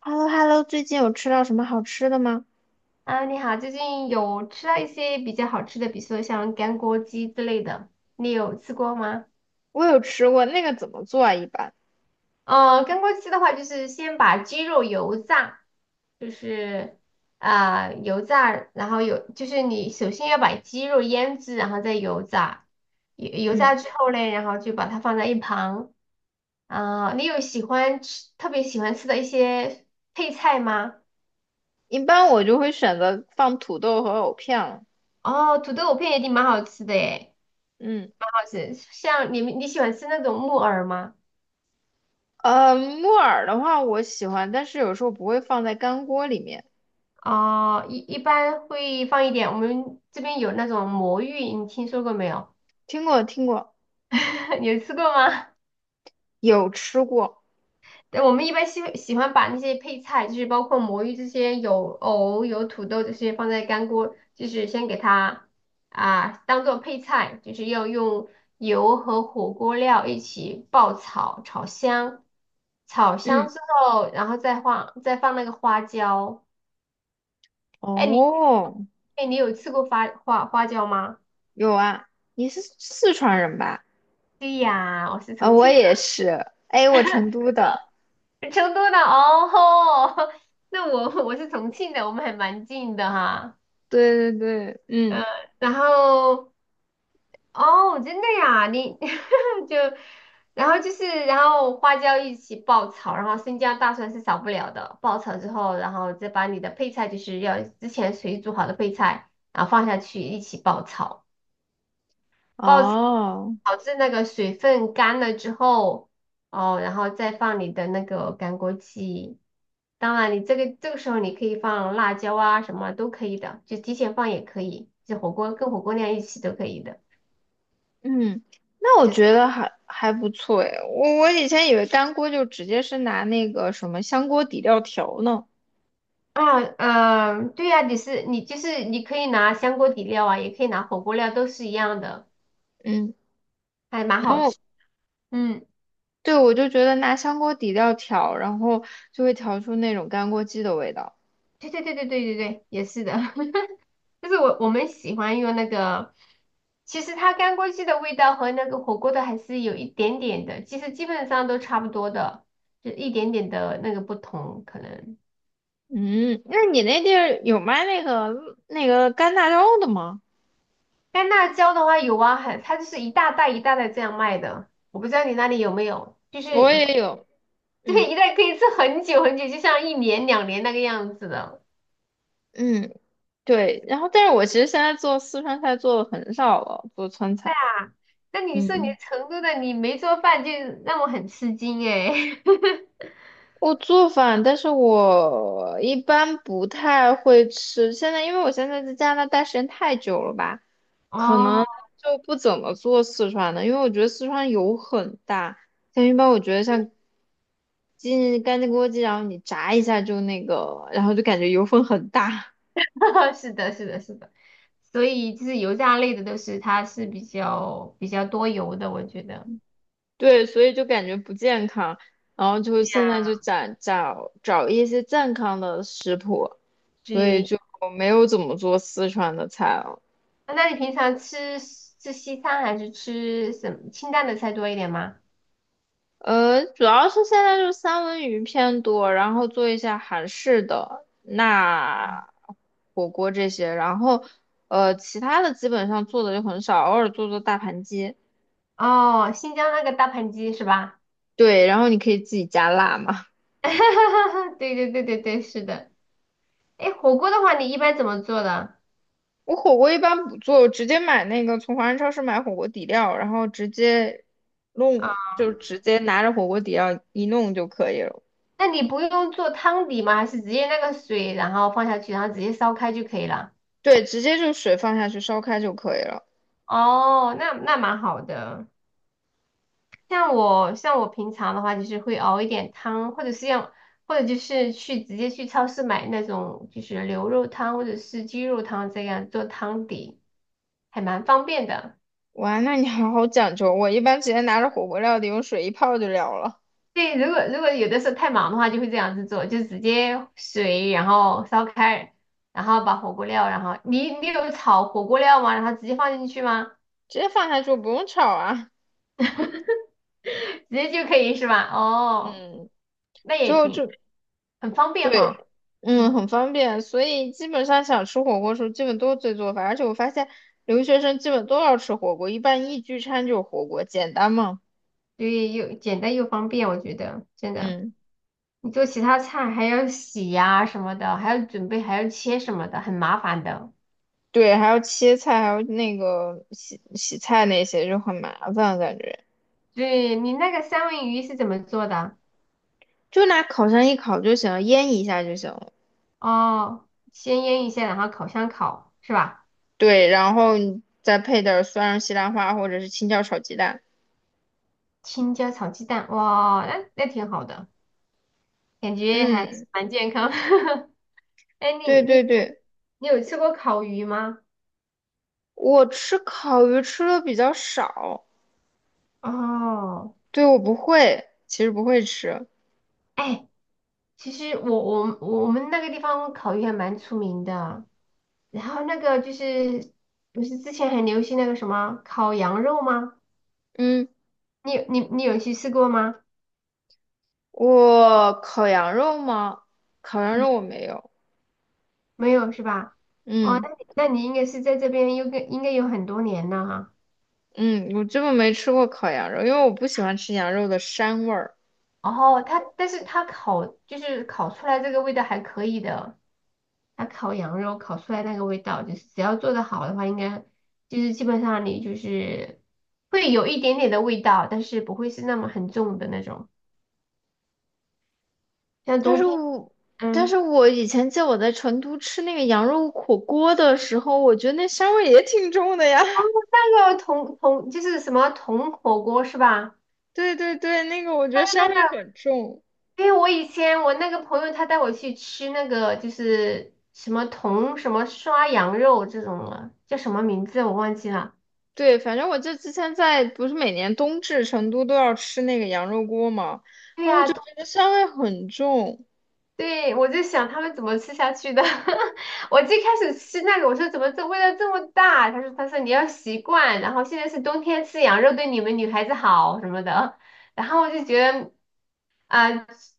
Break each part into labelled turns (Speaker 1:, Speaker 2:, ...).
Speaker 1: h e l l o h e l l o 最近有吃到什么好吃的吗？
Speaker 2: 啊，你好，最近有吃到一些比较好吃的，比如说像干锅鸡之类的，你有吃过吗？
Speaker 1: 我有吃过那个怎么做啊？一般，
Speaker 2: 干锅鸡的话，就是先把鸡肉油炸，就是油炸，然后就是你首先要把鸡肉腌制，然后再油炸，油炸
Speaker 1: 嗯，
Speaker 2: 之后嘞，然后就把它放在一旁。你有喜欢吃特别喜欢吃的一些配菜吗？
Speaker 1: 一般我就会选择放土豆和藕片了。
Speaker 2: 哦，土豆片也挺蛮好吃的诶。
Speaker 1: 嗯，
Speaker 2: 好吃。像你喜欢吃那种木耳吗？
Speaker 1: 呃，木耳的话我喜欢，但是有时候不会放在干锅里面。
Speaker 2: 哦，一般会放一点。我们这边有那种魔芋，你听说过没有？
Speaker 1: 听过听过，
Speaker 2: 你有吃过吗？
Speaker 1: 有吃过。
Speaker 2: 对，我们一般喜欢把那些配菜，就是包括魔芋这些，有藕、有土豆这些，放在干锅，就是先给它当做配菜，就是要用油和火锅料一起爆炒，炒香，炒香
Speaker 1: 嗯，
Speaker 2: 之后，然后再放那个花椒。哎，你
Speaker 1: 哦，
Speaker 2: 哎，你有吃过花椒吗？
Speaker 1: 有啊，你是四川人吧？
Speaker 2: 对呀，我是
Speaker 1: 啊、
Speaker 2: 重
Speaker 1: 我
Speaker 2: 庆
Speaker 1: 也是。哎，我成都的。
Speaker 2: 的。成都的哦吼。那我是重庆的，我们还蛮近的哈。
Speaker 1: 对对对，嗯，
Speaker 2: 嗯，然后哦，真的呀，你 就然后就是然后花椒一起爆炒，然后生姜大蒜是少不了的。爆炒之后，然后再把你的配菜，就是要之前水煮好的配菜，然后放下去一起爆炒。哦，
Speaker 1: 哦。
Speaker 2: 导致那个水分干了之后，哦，然后再放你的那个干锅鸡。当然，你这个时候你可以放辣椒啊，什么都可以的，就提前放也可以，就火锅跟火锅料一起都可以的。
Speaker 1: 嗯，那我
Speaker 2: 就是
Speaker 1: 觉得还不错诶，我以前以为干锅就直接是拿那个什么香锅底料调呢，
Speaker 2: 啊，嗯、对呀、你是你就是你可以拿香锅底料啊，也可以拿火锅料，都是一样的，
Speaker 1: 嗯，
Speaker 2: 还蛮
Speaker 1: 然
Speaker 2: 好
Speaker 1: 后
Speaker 2: 吃。嗯，
Speaker 1: 对我就觉得拿香锅底料调，然后就会调出那种干锅鸡的味道。
Speaker 2: 对对对对对对对，也是的。就是我们喜欢用那个，其实它干锅鸡的味道和那个火锅的还是有一点点的，其实基本上都差不多的，就一点点的那个不同可能。
Speaker 1: 嗯，那你那地儿有卖那个那个干辣椒的吗？
Speaker 2: 干辣椒的话有啊，很，它就是一大袋一大袋这样卖的，我不知道你那里有没有，就是
Speaker 1: 我
Speaker 2: 一袋，
Speaker 1: 也有，
Speaker 2: 对，
Speaker 1: 嗯
Speaker 2: 一袋可以吃很久很久，就像一年两年那个样子的。
Speaker 1: 嗯，对，然后但是我其实现在做四川菜做的很少了，做川菜，
Speaker 2: 啊。那你说你
Speaker 1: 嗯。
Speaker 2: 成都的，你没做饭就让我很吃惊诶。
Speaker 1: 我做饭，但是我一般不太会吃。现在因为我现在在加拿大时间太久了吧，可
Speaker 2: 哦，
Speaker 1: 能就不怎么做四川的，因为我觉得四川油很大。像一般我觉得像鸡干净锅鸡，然后你炸一下就那个，然后就感觉油分很大，
Speaker 2: 是的，是的，是的，所以就是油炸类的都是它是比较多油的，我觉得。
Speaker 1: 对，所以就感觉不健康。然后就
Speaker 2: 对
Speaker 1: 现在
Speaker 2: 呀，
Speaker 1: 就找一些健康的食谱，所以
Speaker 2: 对，
Speaker 1: 就没有怎么做四川的菜了。
Speaker 2: 那你平常吃吃西餐还是吃什么清淡的菜多一点吗？
Speaker 1: 呃，主要是现在就是三文鱼偏多，然后做一下韩式的那火锅这些，然后呃其他的基本上做的就很少，偶尔做做大盘鸡。
Speaker 2: 哦，新疆那个大盘鸡是吧？
Speaker 1: 对，然后你可以自己加辣嘛。
Speaker 2: 对对对对对，是的。哎，火锅的话，你一般怎么做的
Speaker 1: 我火锅一般不做，我直接买那个从华人超市买火锅底料，然后直接
Speaker 2: 啊？
Speaker 1: 弄，就直接拿着火锅底料一弄就可以了。
Speaker 2: 那你不用做汤底吗？还是直接那个水，然后放下去，然后直接烧开就可以了？
Speaker 1: 对，直接就水放下去烧开就可以了。
Speaker 2: 哦，那蛮好的。像我平常的话，就是会熬一点汤，或者就是直接去超市买那种就是牛肉汤或者是鸡肉汤这样做汤底，还蛮方便的。
Speaker 1: 哇，那你好好讲究。我一般直接拿着火锅料底用水一泡就了了，
Speaker 2: 对，如果有的时候太忙的话，就会这样子做，就直接水然后烧开，然后把火锅料，然后你有炒火锅料吗？然后直接放进去吗？
Speaker 1: 直接放下去不用炒啊。
Speaker 2: 直接就可以是吧？哦，
Speaker 1: 嗯，
Speaker 2: 那
Speaker 1: 最后就
Speaker 2: 很方便
Speaker 1: 对，
Speaker 2: 哈。
Speaker 1: 嗯，
Speaker 2: 嗯。
Speaker 1: 很方便。所以基本上想吃火锅的时候，基本都是自己做饭。而且我发现留学生基本都要吃火锅，一般一聚餐就是火锅，简单嘛。
Speaker 2: 对，又简单又方便，我觉得真的。
Speaker 1: 嗯，
Speaker 2: 你做其他菜还要洗呀、什么的，还要准备，还要切什么的，很麻烦的。
Speaker 1: 对，还要切菜，还有那个洗洗菜那些就很麻烦，感觉
Speaker 2: 对，你那个三文鱼是怎么做的？
Speaker 1: 就拿烤箱一烤就行了，腌一下就行了。
Speaker 2: 哦，先腌一下，然后烤箱烤，是吧？
Speaker 1: 对，然后你再配点儿蒜蓉西兰花或者是青椒炒鸡蛋。
Speaker 2: 青椒炒鸡蛋，哇，那挺好的，感觉还
Speaker 1: 嗯，
Speaker 2: 蛮健康。哎，
Speaker 1: 对
Speaker 2: 你
Speaker 1: 对
Speaker 2: 你
Speaker 1: 对，
Speaker 2: 你有吃过烤鱼吗？
Speaker 1: 我吃烤鱼吃的比较少，
Speaker 2: 哦。
Speaker 1: 对，我不会，其实不会吃。
Speaker 2: 哎，其实我们那个地方烤鱼还蛮出名的，然后那个就是不是之前很流行那个什么烤羊肉吗？
Speaker 1: 嗯，
Speaker 2: 你有去吃过吗？
Speaker 1: 我烤羊肉吗？烤羊
Speaker 2: 嗯，
Speaker 1: 肉我没有。
Speaker 2: 没有是吧？哦，那
Speaker 1: 嗯
Speaker 2: 你那你应该是在这边有个应该有很多年了哈。
Speaker 1: 嗯，我根本没吃过烤羊肉，因为我不喜欢吃羊肉的膻味儿。
Speaker 2: 哦，但是它烤就是烤出来这个味道还可以的。它烤羊肉烤出来那个味道，就是只要做的好的话，应该就是基本上你就是会有一点点的味道，但是不会是那么很重的那种。像
Speaker 1: 但
Speaker 2: 冬
Speaker 1: 是
Speaker 2: 天，
Speaker 1: 我，但是
Speaker 2: 嗯，
Speaker 1: 我以前记得我在成都吃那个羊肉火锅的时候，我觉得那膻味也挺重的呀。
Speaker 2: 那个铜就是什么铜火锅是吧？
Speaker 1: 对对对，那个我觉
Speaker 2: 那
Speaker 1: 得
Speaker 2: 个那
Speaker 1: 香味
Speaker 2: 个，
Speaker 1: 很重。
Speaker 2: 因为我以前我那个朋友他带我去吃那个就是什么铜什么涮羊肉这种了，叫什么名字我忘记了。
Speaker 1: 对，反正我就之前在不是每年冬至成都都要吃那个羊肉锅嘛，
Speaker 2: 对
Speaker 1: 然后我就
Speaker 2: 呀、
Speaker 1: 觉得香味很重，
Speaker 2: 对，我在想他们怎么吃下去的。我最开始吃那个，我说怎么这味道这么大？他说你要习惯，然后现在是冬天吃羊肉对你们女孩子好什么的。然后我就觉得啊、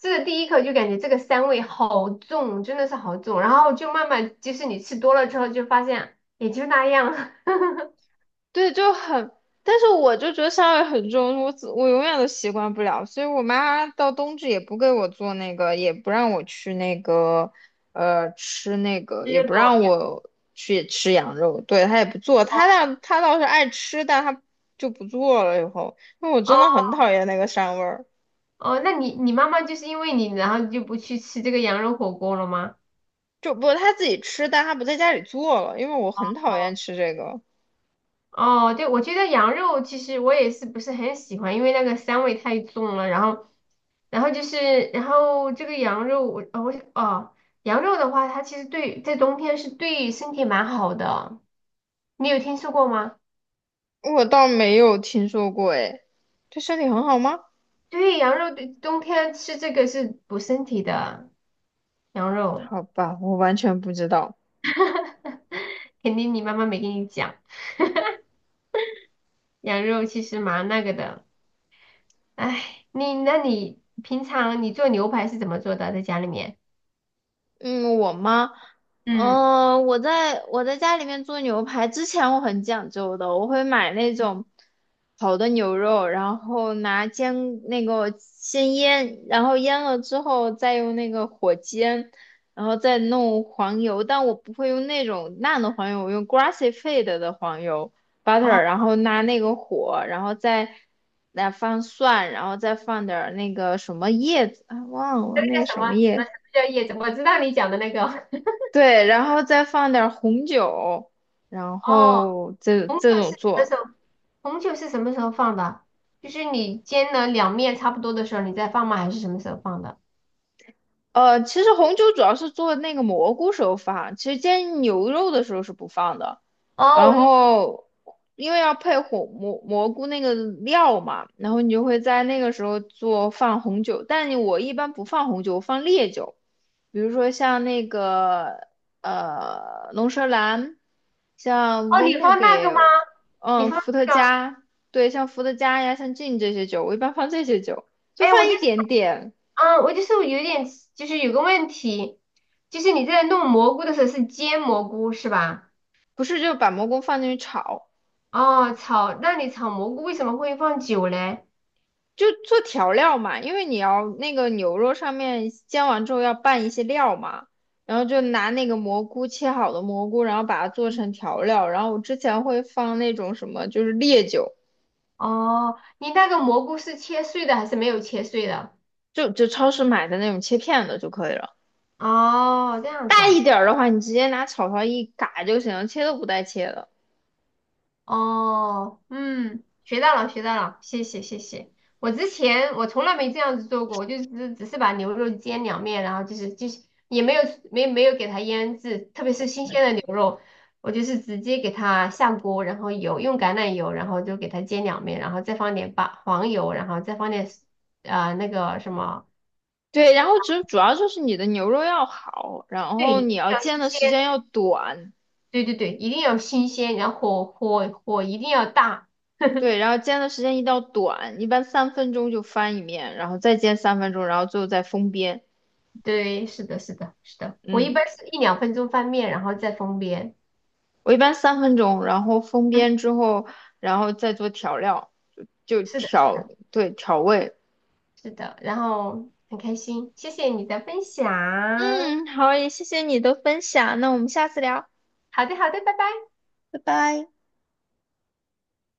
Speaker 2: 吃了第一口就感觉这个膻味好重，真的是好重。然后就慢慢，就是你吃多了之后就发现也就那样，
Speaker 1: 对，就很，但是我就觉得香味很重，我永远都习惯不了，所以我妈到冬至也不给我做那个，也不让我去那个，呃，吃那个，
Speaker 2: 吃
Speaker 1: 也
Speaker 2: 这
Speaker 1: 不
Speaker 2: 个玩
Speaker 1: 让
Speaker 2: 意儿。
Speaker 1: 我去吃羊肉，对，她也不做，她倒是爱吃，但她就不做了以后，因为我真
Speaker 2: 哦
Speaker 1: 的很讨厌那个膻味儿。
Speaker 2: 哦，那你妈妈就是因为你，然后就不去吃这个羊肉火锅了吗？
Speaker 1: 就不他自己吃，但他不在家里做了，因为我很讨厌吃这个，
Speaker 2: 哦，对，我觉得羊肉其实我也是不是很喜欢，因为那个膻味太重了。然后，然后就是，然后这个羊肉，我呃我哦，羊肉的话，它其实对在冬天是对身体蛮好的。你有听说过吗？
Speaker 1: 我倒没有听说过哎，对身体很好吗？
Speaker 2: 对，羊肉对冬天吃这个是补身体的，羊肉
Speaker 1: 好吧，我完全不知道。
Speaker 2: 肯定你妈妈没跟你讲，羊肉其实蛮那个的。哎，你平常你做牛排是怎么做的？在家里面？
Speaker 1: 嗯，我吗？
Speaker 2: 嗯。
Speaker 1: 呃，我在家里面做牛排之前，我很讲究的，我会买那种好的牛肉，然后拿煎那个先腌，然后腌了之后再用那个火煎，然后再弄黄油，但我不会用那种烂的黄油，我用 grass-fed 的黄油 butter,
Speaker 2: 哦
Speaker 1: 然后拿那个火，然后再来放蒜，然后再放点儿那个什么叶子，啊，忘了
Speaker 2: 那
Speaker 1: 那个
Speaker 2: 个什
Speaker 1: 什
Speaker 2: 么
Speaker 1: 么
Speaker 2: 什么
Speaker 1: 叶。
Speaker 2: 什么叫叶子？我知道你讲的那个
Speaker 1: 对，然后再放点儿红酒，然
Speaker 2: 哦，
Speaker 1: 后这
Speaker 2: 红
Speaker 1: 这
Speaker 2: 酒是
Speaker 1: 种
Speaker 2: 什么时
Speaker 1: 做。
Speaker 2: 候？红酒是什么时候放的？就是你煎了两面差不多的时候，你再放吗？还是什么时候放的？
Speaker 1: 呃，其实红酒主要是做那个蘑菇时候放，其实煎牛肉的时候是不放的。
Speaker 2: 哦，
Speaker 1: 然后因为要配红蘑菇那个料嘛，然后你就会在那个时候做放红酒，但我一般不放红酒，我放烈酒。比如说像那个呃龙舌兰，像
Speaker 2: 哦，
Speaker 1: v
Speaker 2: 你
Speaker 1: i n e
Speaker 2: 放
Speaker 1: g
Speaker 2: 那
Speaker 1: a
Speaker 2: 个吗？
Speaker 1: r
Speaker 2: 你
Speaker 1: 嗯，
Speaker 2: 放
Speaker 1: 伏特
Speaker 2: 那个？
Speaker 1: 加，对，像伏特加呀，像 gin 这些酒，我一般放这些酒，就
Speaker 2: 哎，我
Speaker 1: 放
Speaker 2: 就
Speaker 1: 一
Speaker 2: 是
Speaker 1: 点点，
Speaker 2: 嗯，我就是有点，就是有个问题，就是你在弄蘑菇的时候是煎蘑菇是吧？
Speaker 1: 不是就把蘑菇放进去炒，
Speaker 2: 哦，炒，那你炒蘑菇为什么会放酒嘞？
Speaker 1: 就做调料嘛，因为你要那个牛肉上面煎完之后要拌一些料嘛。然后就拿那个蘑菇切好的蘑菇，然后把它做成调料。然后我之前会放那种什么，就是烈酒，
Speaker 2: 哦，你那个蘑菇是切碎的还是没有切碎的？
Speaker 1: 就就超市买的那种切片的就可以了。
Speaker 2: 哦，这样子
Speaker 1: 大
Speaker 2: 啊。
Speaker 1: 一点儿的话，你直接拿炒勺一嘎就行，切都不带切的。
Speaker 2: 哦，嗯，学到了，学到了，谢谢，谢谢。我之前我从来没这样子做过，我就只是把牛肉煎两面，然后就是也没有给它腌制，特别是新鲜的牛肉，我就是直接给它下锅，然后油用橄榄油，然后就给它煎两面，然后再放点八黄油，然后再放点那个什么，
Speaker 1: 对，然后主要就是你的牛肉要好，然
Speaker 2: 对，
Speaker 1: 后
Speaker 2: 一定
Speaker 1: 你要
Speaker 2: 要
Speaker 1: 煎
Speaker 2: 新
Speaker 1: 的
Speaker 2: 鲜，
Speaker 1: 时间要短，
Speaker 2: 对对对，一定要新鲜，然后火一定要大。
Speaker 1: 对，然后煎的时间一定要短，一般三分钟就翻一面，然后再煎三分钟，然后最后再封边。
Speaker 2: 对，是的，是的，是的。我一
Speaker 1: 嗯，
Speaker 2: 般是一两分钟翻面，然后再封边。
Speaker 1: 我一般三分钟，然后封
Speaker 2: 嗯，
Speaker 1: 边之后，然后再做调料，就
Speaker 2: 是的，是
Speaker 1: 调，
Speaker 2: 的，
Speaker 1: 对，调味。
Speaker 2: 是的。然后很开心，谢谢你的分享。
Speaker 1: 嗯，好，也谢谢你的分享，那我们下次聊，
Speaker 2: 好的，好的，拜拜。
Speaker 1: 拜拜。